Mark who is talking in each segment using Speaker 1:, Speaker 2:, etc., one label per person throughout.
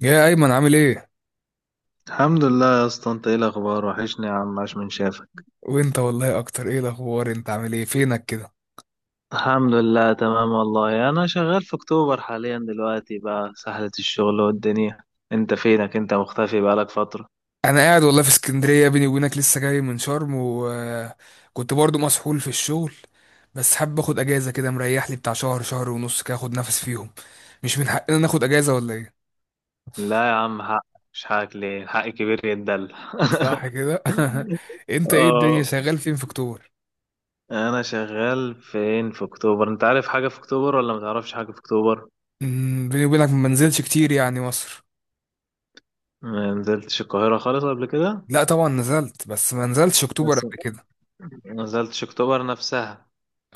Speaker 1: يا ايمن عامل ايه؟
Speaker 2: الحمد لله يا اسطى، انت ايه الاخبار؟ وحشني يا عم، عاش من شافك.
Speaker 1: وانت والله اكتر. ايه الاخبار، انت عامل ايه، فينك كده؟
Speaker 2: الحمد لله تمام والله، انا شغال في اكتوبر حاليا دلوقتي، بقى سحلة الشغل والدنيا. انت فينك؟ انت مختفي بقالك فترة.
Speaker 1: انا قاعد والله في اسكندريه، بيني وبينك لسه جاي من شرم، وكنت برضو مسحول في الشغل. بس حابب اخد اجازه كده مريح لي بتاع شهر، شهر ونص كده، اخد نفس فيهم. مش من حقنا ناخد اجازه ولا ايه؟
Speaker 2: لا يا عم حق، مش حقك؟ ليه؟ الحق كبير يتدل.
Speaker 1: صح كده. انت ايه الدنيا،
Speaker 2: اه،
Speaker 1: شغال فين في اكتوبر؟
Speaker 2: انا شغال فين في اكتوبر؟ انت عارف حاجة في اكتوبر ولا متعرفش حاجة في اكتوبر؟
Speaker 1: بيني وبينك ما نزلتش كتير يعني مصر.
Speaker 2: ما نزلتش القاهرة خالص قبل كده؟
Speaker 1: لا طبعا نزلت، بس ما نزلتش اكتوبر
Speaker 2: بس
Speaker 1: قبل كده.
Speaker 2: ما نزلتش اكتوبر نفسها.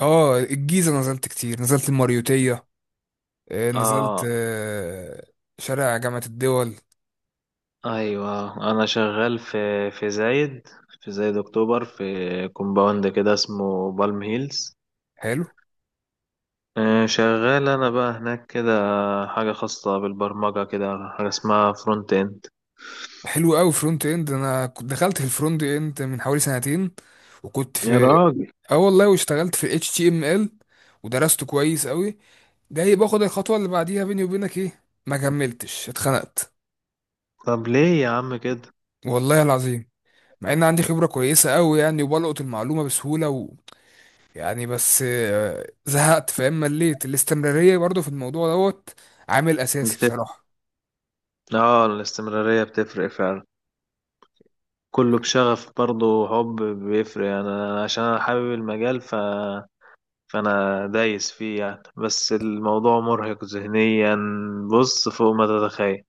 Speaker 1: اه الجيزه نزلت كتير، نزلت الماريوتيه. نزلت
Speaker 2: اه.
Speaker 1: آه، شارع جامعة الدول.
Speaker 2: ايوه، انا شغال في زايد، في زايد اكتوبر، في كومباوند كده اسمه بالم هيلز.
Speaker 1: حلو.
Speaker 2: شغال انا بقى هناك كده، حاجه خاصه بالبرمجه كده، حاجه اسمها فرونت اند.
Speaker 1: حلو قوي. فرونت اند. انا كنت دخلت في الفرونت اند من حوالي 2 سنتين، وكنت
Speaker 2: يا
Speaker 1: في...
Speaker 2: راجل.
Speaker 1: اه والله واشتغلت في اتش تي ام ال ودرسته كويس قوي. جاي باخد الخطوة اللي بعديها، بيني وبينك ايه، ما كملتش، اتخنقت.
Speaker 2: طب ليه يا عم كده؟
Speaker 1: والله العظيم. مع ان عندي خبرة كويسة قوي يعني، وبلقط المعلومة بسهولة و... يعني بس زهقت، فاهم، مليت الاستمرارية برضو في الموضوع دوت. عامل اساسي
Speaker 2: بتفرق.
Speaker 1: بصراحة.
Speaker 2: اه الاستمراريه بتفرق فعلا، كله بشغف برضه، حب بيفرق. انا عشان انا حابب المجال، فانا دايس فيه يعني، بس الموضوع مرهق ذهنيا بص فوق ما تتخيل.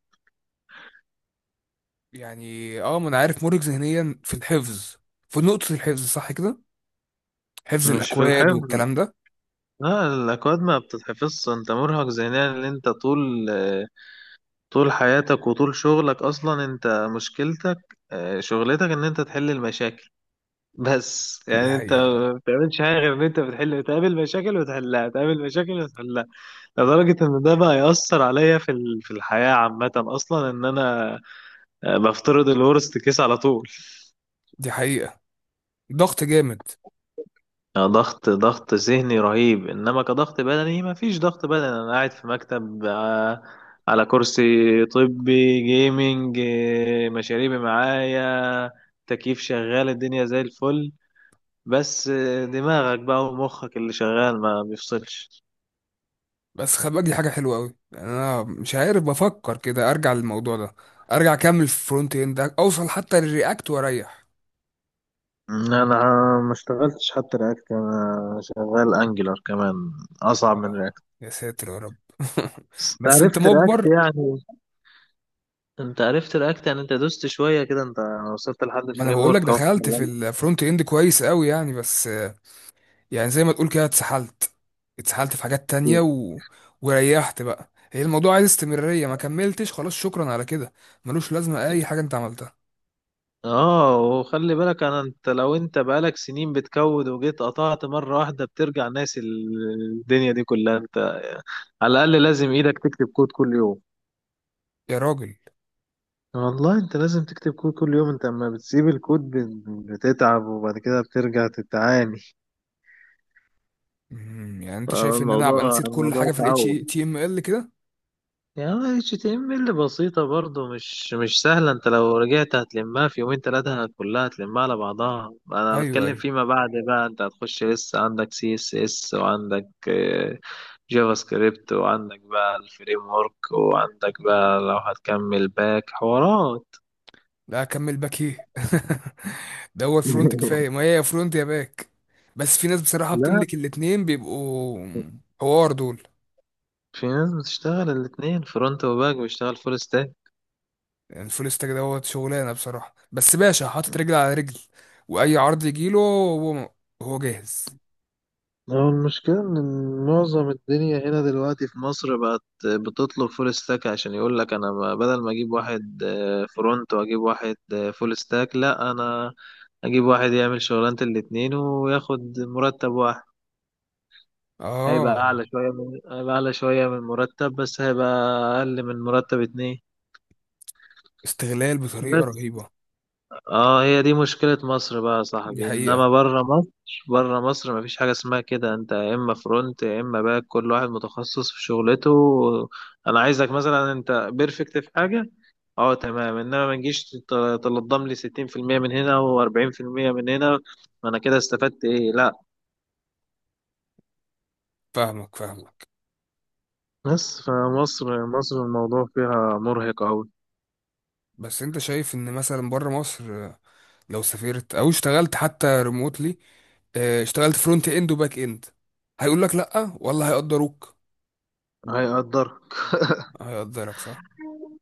Speaker 1: يعني ما انا عارف، مرهق ذهنيا في الحفظ، في نقطة الحفظ، صح كده؟ حفظ
Speaker 2: مش في
Speaker 1: الأكواد
Speaker 2: الحفظ،
Speaker 1: والكلام ده.
Speaker 2: لا الأكواد ما بتتحفظش. أنت مرهق ذهنيا إن أنت طول حياتك وطول شغلك أصلا، أنت مشكلتك، شغلتك إن أنت تحل المشاكل. بس
Speaker 1: دي
Speaker 2: يعني أنت
Speaker 1: حقيقة.
Speaker 2: ما بتعملش حاجة غير إن أنت بتحل، تقابل مشاكل وتحلها، تقابل مشاكل وتحلها. لدرجة إن ده بقى يأثر عليا في في الحياة عامة أصلا، إن أنا بفترض الورست كيس على طول.
Speaker 1: دي حقيقة. ضغط جامد.
Speaker 2: ضغط ذهني رهيب، انما كضغط بدني ما فيش ضغط بدني، انا قاعد في مكتب، على كرسي طبي جيمنج، مشاريبي معايا، تكييف شغال، الدنيا زي الفل، بس دماغك بقى ومخك اللي شغال ما بيفصلش.
Speaker 1: بس خلي بالك دي حاجة حلوة أوي، يعني أنا مش عارف، بفكر كده أرجع للموضوع ده، أرجع أكمل في الفرونت إند، أوصل حتى للرياكت وأريح.
Speaker 2: انا ما اشتغلتش حتى رياكت، انا شغال انجلر كمان، اصعب من
Speaker 1: آه.
Speaker 2: رياكت.
Speaker 1: يا ساتر يا رب.
Speaker 2: بس انت
Speaker 1: بس أنت
Speaker 2: عرفت رياكت
Speaker 1: مجبر.
Speaker 2: يعني، انت عرفت رياكت يعني، انت دوست شويه كده، انت وصلت لحد
Speaker 1: ما أنا
Speaker 2: الفريم
Speaker 1: بقول لك
Speaker 2: ورك اهو.
Speaker 1: دخلت في الفرونت إند كويس أوي يعني، بس يعني زي ما تقول كده اتسحلت، اتسحلت في حاجات تانية و... وريحت بقى. هي الموضوع عايز استمرارية، ما كملتش، خلاص شكرا على كده. ملوش لازمة أي حاجة أنت عملتها.
Speaker 2: اه، وخلي بالك انت لو انت بقالك سنين بتكود وجيت قطعت مرة واحدة بترجع ناسي الدنيا دي كلها، انت على الاقل لازم ايدك تكتب كود كل يوم.
Speaker 1: يا راجل.
Speaker 2: والله انت لازم تكتب كود كل يوم، انت اما بتسيب الكود بتتعب وبعد كده بترجع تتعاني.
Speaker 1: يعني أنت شايف إن أنا أبقى
Speaker 2: فالموضوع
Speaker 1: نسيت كل
Speaker 2: الموضوع
Speaker 1: حاجة في الاتش تي ام ال
Speaker 2: تعود
Speaker 1: HTML كده؟
Speaker 2: يعني. HTML بسيطة برضو، مش سهلة. انت لو رجعت هتلمها في يومين تلاتة كلها، هتلمها على بعضها. انا
Speaker 1: أيوه،
Speaker 2: بتكلم
Speaker 1: أيوه.
Speaker 2: فيما بعد بقى، انت هتخش لسه عندك CSS، وعندك جافا سكريبت، وعندك بقى الفريم ورك، وعندك بقى لو هتكمل باك حوارات.
Speaker 1: لا أكمل باك إيه؟ دوت فرونت كفاية، ما هي يا فرونت يا باك. بس في ناس بصراحة
Speaker 2: لا،
Speaker 1: بتملك الاتنين، بيبقوا حوار دول.
Speaker 2: في ناس بتشتغل الاتنين فرونت وباك، بيشتغل فول ستاك.
Speaker 1: يعني الفول ستاك دوت شغلانه بصراحه، بس باشا حاطط رجل على رجل، واي عرض يجيله هو هو جاهز.
Speaker 2: هو المشكلة إن معظم الدنيا هنا دلوقتي في مصر بقت بتطلب فول ستاك، عشان يقول لك أنا، بدل ما أجيب واحد فرونت وأجيب واحد فول ستاك، لأ، أنا أجيب واحد يعمل شغلانة الاتنين وياخد مرتب واحد. هيبقى
Speaker 1: اه.
Speaker 2: أعلى شوية من، هيبقى أعلى شوية من مرتب، بس هيبقى أقل من مرتب اتنين.
Speaker 1: استغلال بطريقه رهيبه.
Speaker 2: اه، هي دي مشكلة مصر بقى يا
Speaker 1: دي
Speaker 2: صاحبي، انما
Speaker 1: حقيقه.
Speaker 2: بره مصر، بره مصر مفيش حاجة اسمها كده. انت يا اما فرونت يا اما باك، كل واحد متخصص في شغلته. انا عايزك مثلا انت بيرفكت في حاجة، اه تمام، انما ما تجيش تلضم لي 60% من هنا و40% من هنا، ما انا كده استفدت ايه؟ لا.
Speaker 1: فاهمك، فاهمك.
Speaker 2: بس فمصر، مصر الموضوع فيها مرهق اوي.
Speaker 1: بس انت شايف ان مثلا بره مصر، لو سافرت او اشتغلت حتى ريموتلي، اشتغلت فرونت اند وباك اند، هيقول لك لا ولا هيقدروك؟
Speaker 2: هيقدرك،
Speaker 1: هيقدرك صح.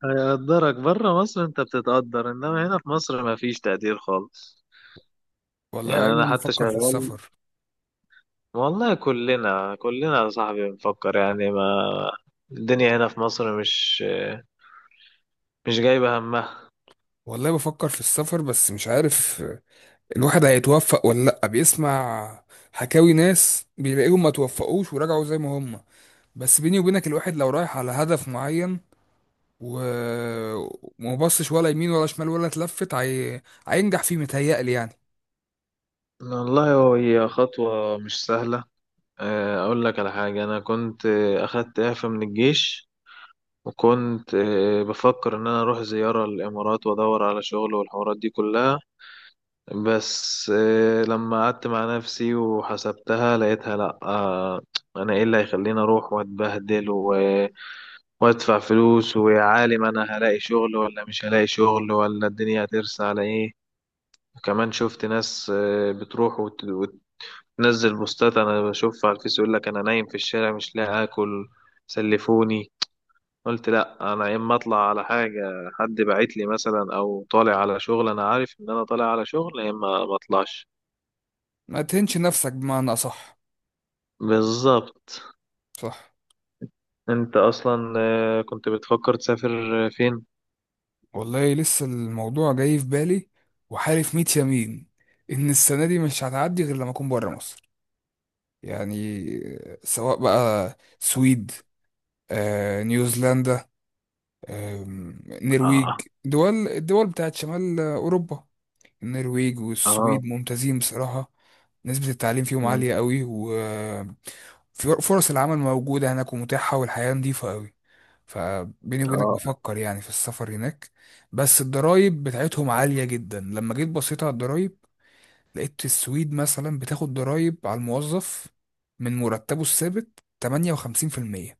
Speaker 2: هيقدرك بره مصر. انت بتتقدر، انما هنا في مصر مفيش تقدير خالص.
Speaker 1: والله
Speaker 2: يعني
Speaker 1: يا
Speaker 2: انا
Speaker 1: ايمن
Speaker 2: حتى
Speaker 1: بفكر في
Speaker 2: شغال،
Speaker 1: السفر.
Speaker 2: والله كلنا يا صاحبي بنفكر يعني. ما الدنيا هنا في مصر مش جايبة همها.
Speaker 1: والله بفكر في السفر، بس مش عارف الواحد هيتوفق ولا لأ. بيسمع حكاوي ناس بيلاقيهم ما توفقوش ورجعوا زي ما هم. بس بيني وبينك الواحد لو رايح على هدف معين و... وما بصش ولا يمين ولا شمال ولا اتلفت، هينجح فيه، متهيألي يعني.
Speaker 2: والله هو هي خطوة مش سهلة. أقول لك على حاجة، أنا كنت أخدت إعفاء من الجيش، وكنت بفكر إن أنا أروح زيارة للإمارات وأدور على شغل والحوارات دي كلها. بس لما قعدت مع نفسي وحسبتها لقيتها لأ. أنا إيه اللي هيخليني أروح وأتبهدل وادفع فلوس ويا عالم انا هلاقي شغل ولا مش هلاقي شغل، ولا الدنيا هترسى على ايه. وكمان شفت ناس بتروح وتنزل بوستات، انا بشوفها على الفيس، يقول لك انا نايم في الشارع مش لاقي اكل، سلفوني. قلت لا، انا يا اما اطلع على حاجه حد باعت لي مثلا، او طالع على شغل انا عارف ان انا طالع على شغل، يا اما ما اطلعش.
Speaker 1: ما تهنش نفسك بمعنى أصح.
Speaker 2: بالظبط.
Speaker 1: صح.
Speaker 2: انت اصلا كنت بتفكر تسافر فين؟
Speaker 1: والله لسه الموضوع جاي في بالي، وحالف ميت يمين إن السنة دي مش هتعدي غير لما أكون بره مصر، يعني. سواء بقى سويد، نيوزيلندا، نرويج،
Speaker 2: اه.
Speaker 1: دول الدول بتاعت شمال أوروبا. النرويج
Speaker 2: اه.
Speaker 1: والسويد ممتازين بصراحة. نسبة التعليم فيهم
Speaker 2: مم.
Speaker 1: عالية قوي، وفرص العمل موجودة هناك ومتاحة، والحياة نظيفة قوي. فبيني وبينك
Speaker 2: اه.
Speaker 1: بفكر يعني في السفر هناك. بس الضرايب بتاعتهم عالية جدا. لما جيت بصيت على الضرايب، لقيت السويد مثلا بتاخد ضرايب على الموظف من مرتبه الثابت 58%.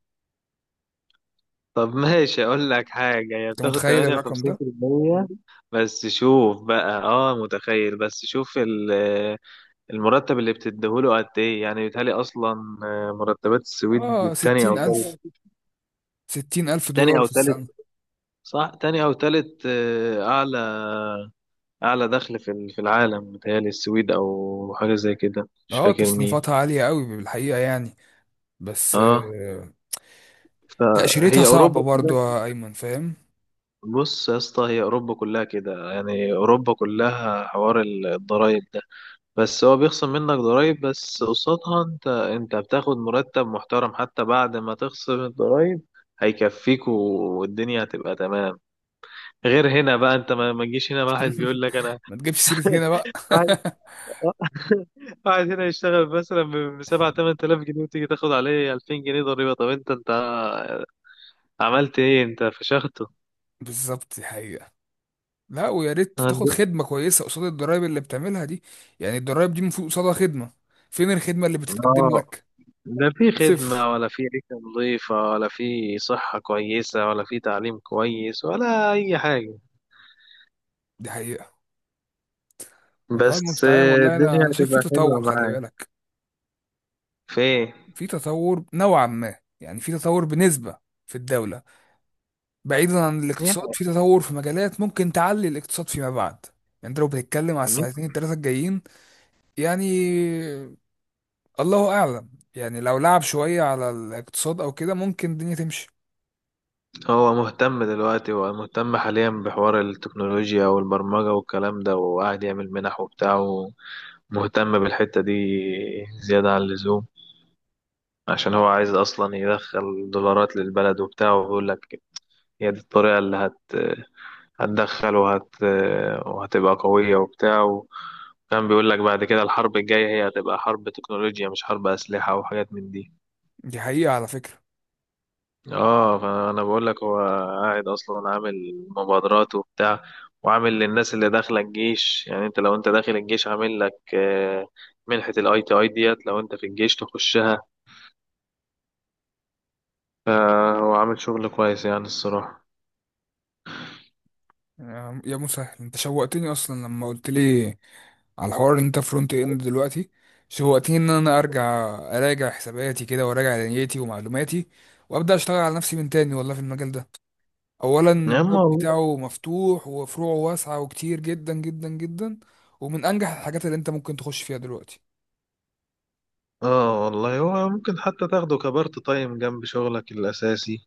Speaker 2: طب ماشي، اقول لك حاجة، هي
Speaker 1: انت
Speaker 2: بتاخد
Speaker 1: متخيل الرقم ده؟
Speaker 2: 58%، بس شوف بقى. اه، متخيل، بس شوف المرتب اللي بتديهوله قد ايه. يعني بيتهيألي اصلا مرتبات
Speaker 1: اه،
Speaker 2: السويد تاني او
Speaker 1: 60,000،
Speaker 2: تالت.
Speaker 1: ستين ألف
Speaker 2: تاني
Speaker 1: دولار
Speaker 2: او
Speaker 1: في
Speaker 2: تالت.
Speaker 1: السنة.
Speaker 2: صح، تاني او تالت، اعلى، اعلى دخل في في العالم بيتهيألي السويد، او حاجة زي كده مش
Speaker 1: اه
Speaker 2: فاكر مين.
Speaker 1: تصنيفاتها عالية قوي بالحقيقة يعني. بس
Speaker 2: اه،
Speaker 1: تأشيرتها
Speaker 2: فهي
Speaker 1: صعبة
Speaker 2: اوروبا
Speaker 1: برضو
Speaker 2: كلها.
Speaker 1: يا أيمن، فاهم.
Speaker 2: بص يا اسطى، هي اوروبا كلها كده يعني، اوروبا كلها حوار الضرايب، بس هو بيخصم منك ضرايب بس قصادها انت بتاخد مرتب محترم، حتى بعد ما تخصم الضرايب هيكفيك، والدنيا هتبقى تمام. غير هنا بقى، انت ما تجيش هنا واحد بيقول لك انا.
Speaker 1: ما تجيبش سيرة هنا بقى.
Speaker 2: واحد، واحد هنا يشتغل مثلا ب 7 8000 جنيه، وتيجي تاخد عليه 2000 جنيه ضريبة، طب انت عملت ايه؟ انت فشخته.
Speaker 1: بالظبط، دي حقيقة. لا ويا ريت تاخد
Speaker 2: عند-
Speaker 1: خدمة كويسة قصاد الضرايب اللي بتعملها دي. يعني الضرايب دي المفروض قصادها خدمة، فين الخدمة اللي بتتقدم
Speaker 2: اه،
Speaker 1: لك؟
Speaker 2: لا في
Speaker 1: صفر.
Speaker 2: خدمة، ولا في عيشة نظيفة، ولا في صحة كويسة، ولا في تعليم كويس، ولا أي حاجة.
Speaker 1: دي حقيقة. والله
Speaker 2: بس.
Speaker 1: المستعان. والله أنا
Speaker 2: الدنيا
Speaker 1: أنا شايف في
Speaker 2: هتبقى حلوة
Speaker 1: تطور، خلي
Speaker 2: معاك.
Speaker 1: بالك.
Speaker 2: في ايه؟
Speaker 1: في تطور نوعا ما، يعني في تطور بنسبة في الدولة. بعيدا عن الاقتصاد، في تطور في مجالات ممكن تعلي الاقتصاد فيما بعد. يعني انت لو بتتكلم على
Speaker 2: يعني
Speaker 1: السنتين التلاتة الجايين، يعني الله اعلم. يعني لو لعب شوية على الاقتصاد او كده ممكن الدنيا تمشي.
Speaker 2: هو مهتم حاليا بحوار التكنولوجيا والبرمجة والكلام ده، وقاعد يعمل منح وبتاع، ومهتم بالحتة دي زيادة عن اللزوم، عشان هو عايز أصلا يدخل دولارات للبلد وبتاع، وبيقول لك هي دي الطريقة اللي هتدخل وهتبقى قوية وبتاع. وكان بيقول لك بعد كده الحرب الجاية هي هتبقى حرب تكنولوجيا، مش حرب أسلحة وحاجات من دي.
Speaker 1: دي حقيقة على فكرة.
Speaker 2: اه، فانا بقول لك هو قاعد اصلا عامل مبادرات وبتاع، وعامل للناس اللي داخله الجيش. يعني انت لو انت داخل الجيش عامل لك منحة الاي تي اي ديت لو انت في الجيش تخشها. فهو عامل شغل كويس يعني الصراحة.
Speaker 1: يا مسهل، انت شوقتني اصلا لما قلت لي على الحوار إن انت فرونت اند دلوقتي. شوقتني ان انا ارجع، اراجع حساباتي كده، وراجع دنيتي ومعلوماتي، وابدا اشتغل على نفسي من تاني والله في المجال ده. اولا
Speaker 2: يا اما
Speaker 1: الباب
Speaker 2: والله.
Speaker 1: بتاعه مفتوح، وفروعه واسعه وكتير جدا جدا جدا، ومن انجح الحاجات اللي انت ممكن تخش فيها دلوقتي.
Speaker 2: اه، والله هو ممكن حتى تاخده كبارت تايم جنب شغلك الاساسي،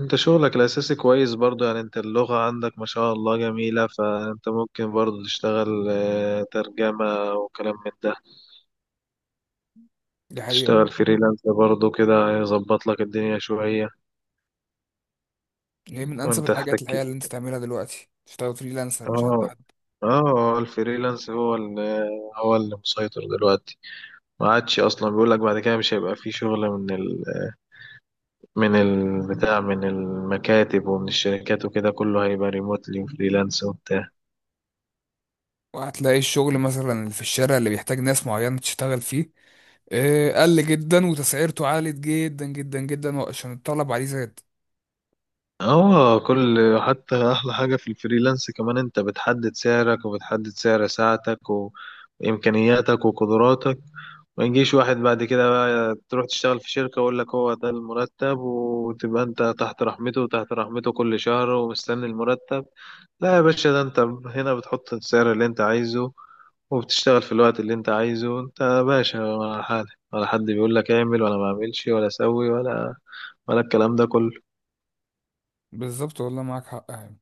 Speaker 2: انت شغلك الاساسي كويس برضو يعني، انت اللغة عندك ما شاء الله جميلة، فانت ممكن برضو تشتغل ترجمة وكلام من ده،
Speaker 1: دي حقيقه
Speaker 2: تشتغل فريلانس برضه كده، هيظبط لك الدنيا شوية.
Speaker 1: يعني. هي من انسب
Speaker 2: وانت
Speaker 1: الحاجات الحقيقه
Speaker 2: تحتك.
Speaker 1: اللي انت تعملها دلوقتي، تشتغل فريلانسر مش عند
Speaker 2: اه.
Speaker 1: حد.
Speaker 2: اه الفريلانس هو اللي مسيطر دلوقتي. ما عادش اصلا، بيقول لك بعد كده مش هيبقى فيه شغل من من البتاع، من المكاتب ومن الشركات، وكده كله هيبقى ريموتلي وفريلانس وبتاع.
Speaker 1: وهتلاقي الشغل مثلا اللي في الشارع اللي بيحتاج ناس معينه تشتغل فيه، قل جدا، وتسعيرته عالت جدا جدا جدا عشان الطلب عليه زاد.
Speaker 2: اه، كل، حتى احلى حاجة في الفريلانس كمان، انت بتحدد سعرك، وبتحدد سعر ساعتك وامكانياتك وقدراتك، ما يجيش واحد بعد كده بقى تروح تشتغل في شركة ويقول لك هو ده المرتب، وتبقى انت تحت رحمته وتحت رحمته كل شهر ومستني المرتب. لا يا باشا، ده انت هنا بتحط السعر اللي انت عايزه، وبتشتغل في الوقت اللي انت عايزه، انت باشا على حالك، ولا حد بيقول لك اعمل ولا ما اعملش ولا سوي، ولا الكلام ده كله.
Speaker 1: بالظبط، والله معاك حق يعني.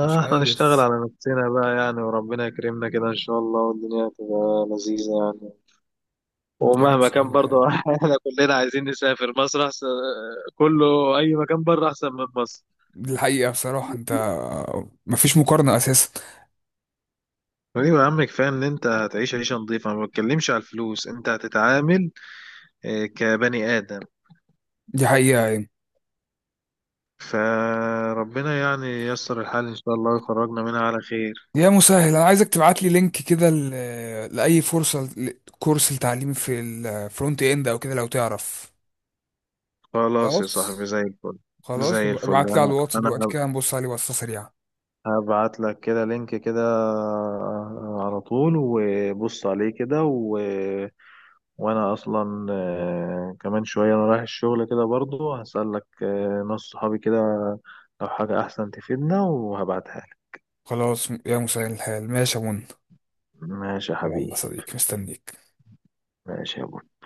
Speaker 1: مش
Speaker 2: احنا نشتغل
Speaker 1: عارف.
Speaker 2: على نفسنا بقى يعني، وربنا يكرمنا كده ان شاء الله، والدنيا تبقى لذيذة يعني.
Speaker 1: يعمل
Speaker 2: ومهما
Speaker 1: سهل
Speaker 2: كان
Speaker 1: الحال.
Speaker 2: برضه احنا كلنا عايزين نسافر، مصر احسن، كله اي مكان بره احسن من مصر.
Speaker 1: دي الحقيقه بصراحه، انت مفيش مقارنه اساسا.
Speaker 2: ايوه يا عم، كفايه ان انت هتعيش عيشه نظيفه، ما بتكلمش على الفلوس، انت هتتعامل كبني ادم.
Speaker 1: دي حقيقه يعني.
Speaker 2: فربنا يعني ييسر الحال ان شاء الله، ويخرجنا منها على خير.
Speaker 1: يا مسهل، انا عايزك تبعت لي لينك كده لاي فرصه كورس لتعليم في الفرونت اند او كده لو تعرف.
Speaker 2: خلاص يا
Speaker 1: خلاص.
Speaker 2: صاحبي زي الفل.
Speaker 1: خلاص،
Speaker 2: زي الفل،
Speaker 1: ابعت لي على
Speaker 2: انا
Speaker 1: الواتس دلوقتي
Speaker 2: انا
Speaker 1: كده نبص عليه بصه سريعه.
Speaker 2: هبعت لك كده لينك كده على طول، وبص عليه كده وانا اصلا كمان شوية انا رايح الشغل كده برضو، هسألك ناس صحابي كده لو حاجة احسن تفيدنا وهبعتها لك.
Speaker 1: خلاص يا مسهل الحال، ماشي يا منى.
Speaker 2: ماشي يا
Speaker 1: يلا
Speaker 2: حبيبي.
Speaker 1: صديقي، مستنيك.
Speaker 2: ماشي يا بابا.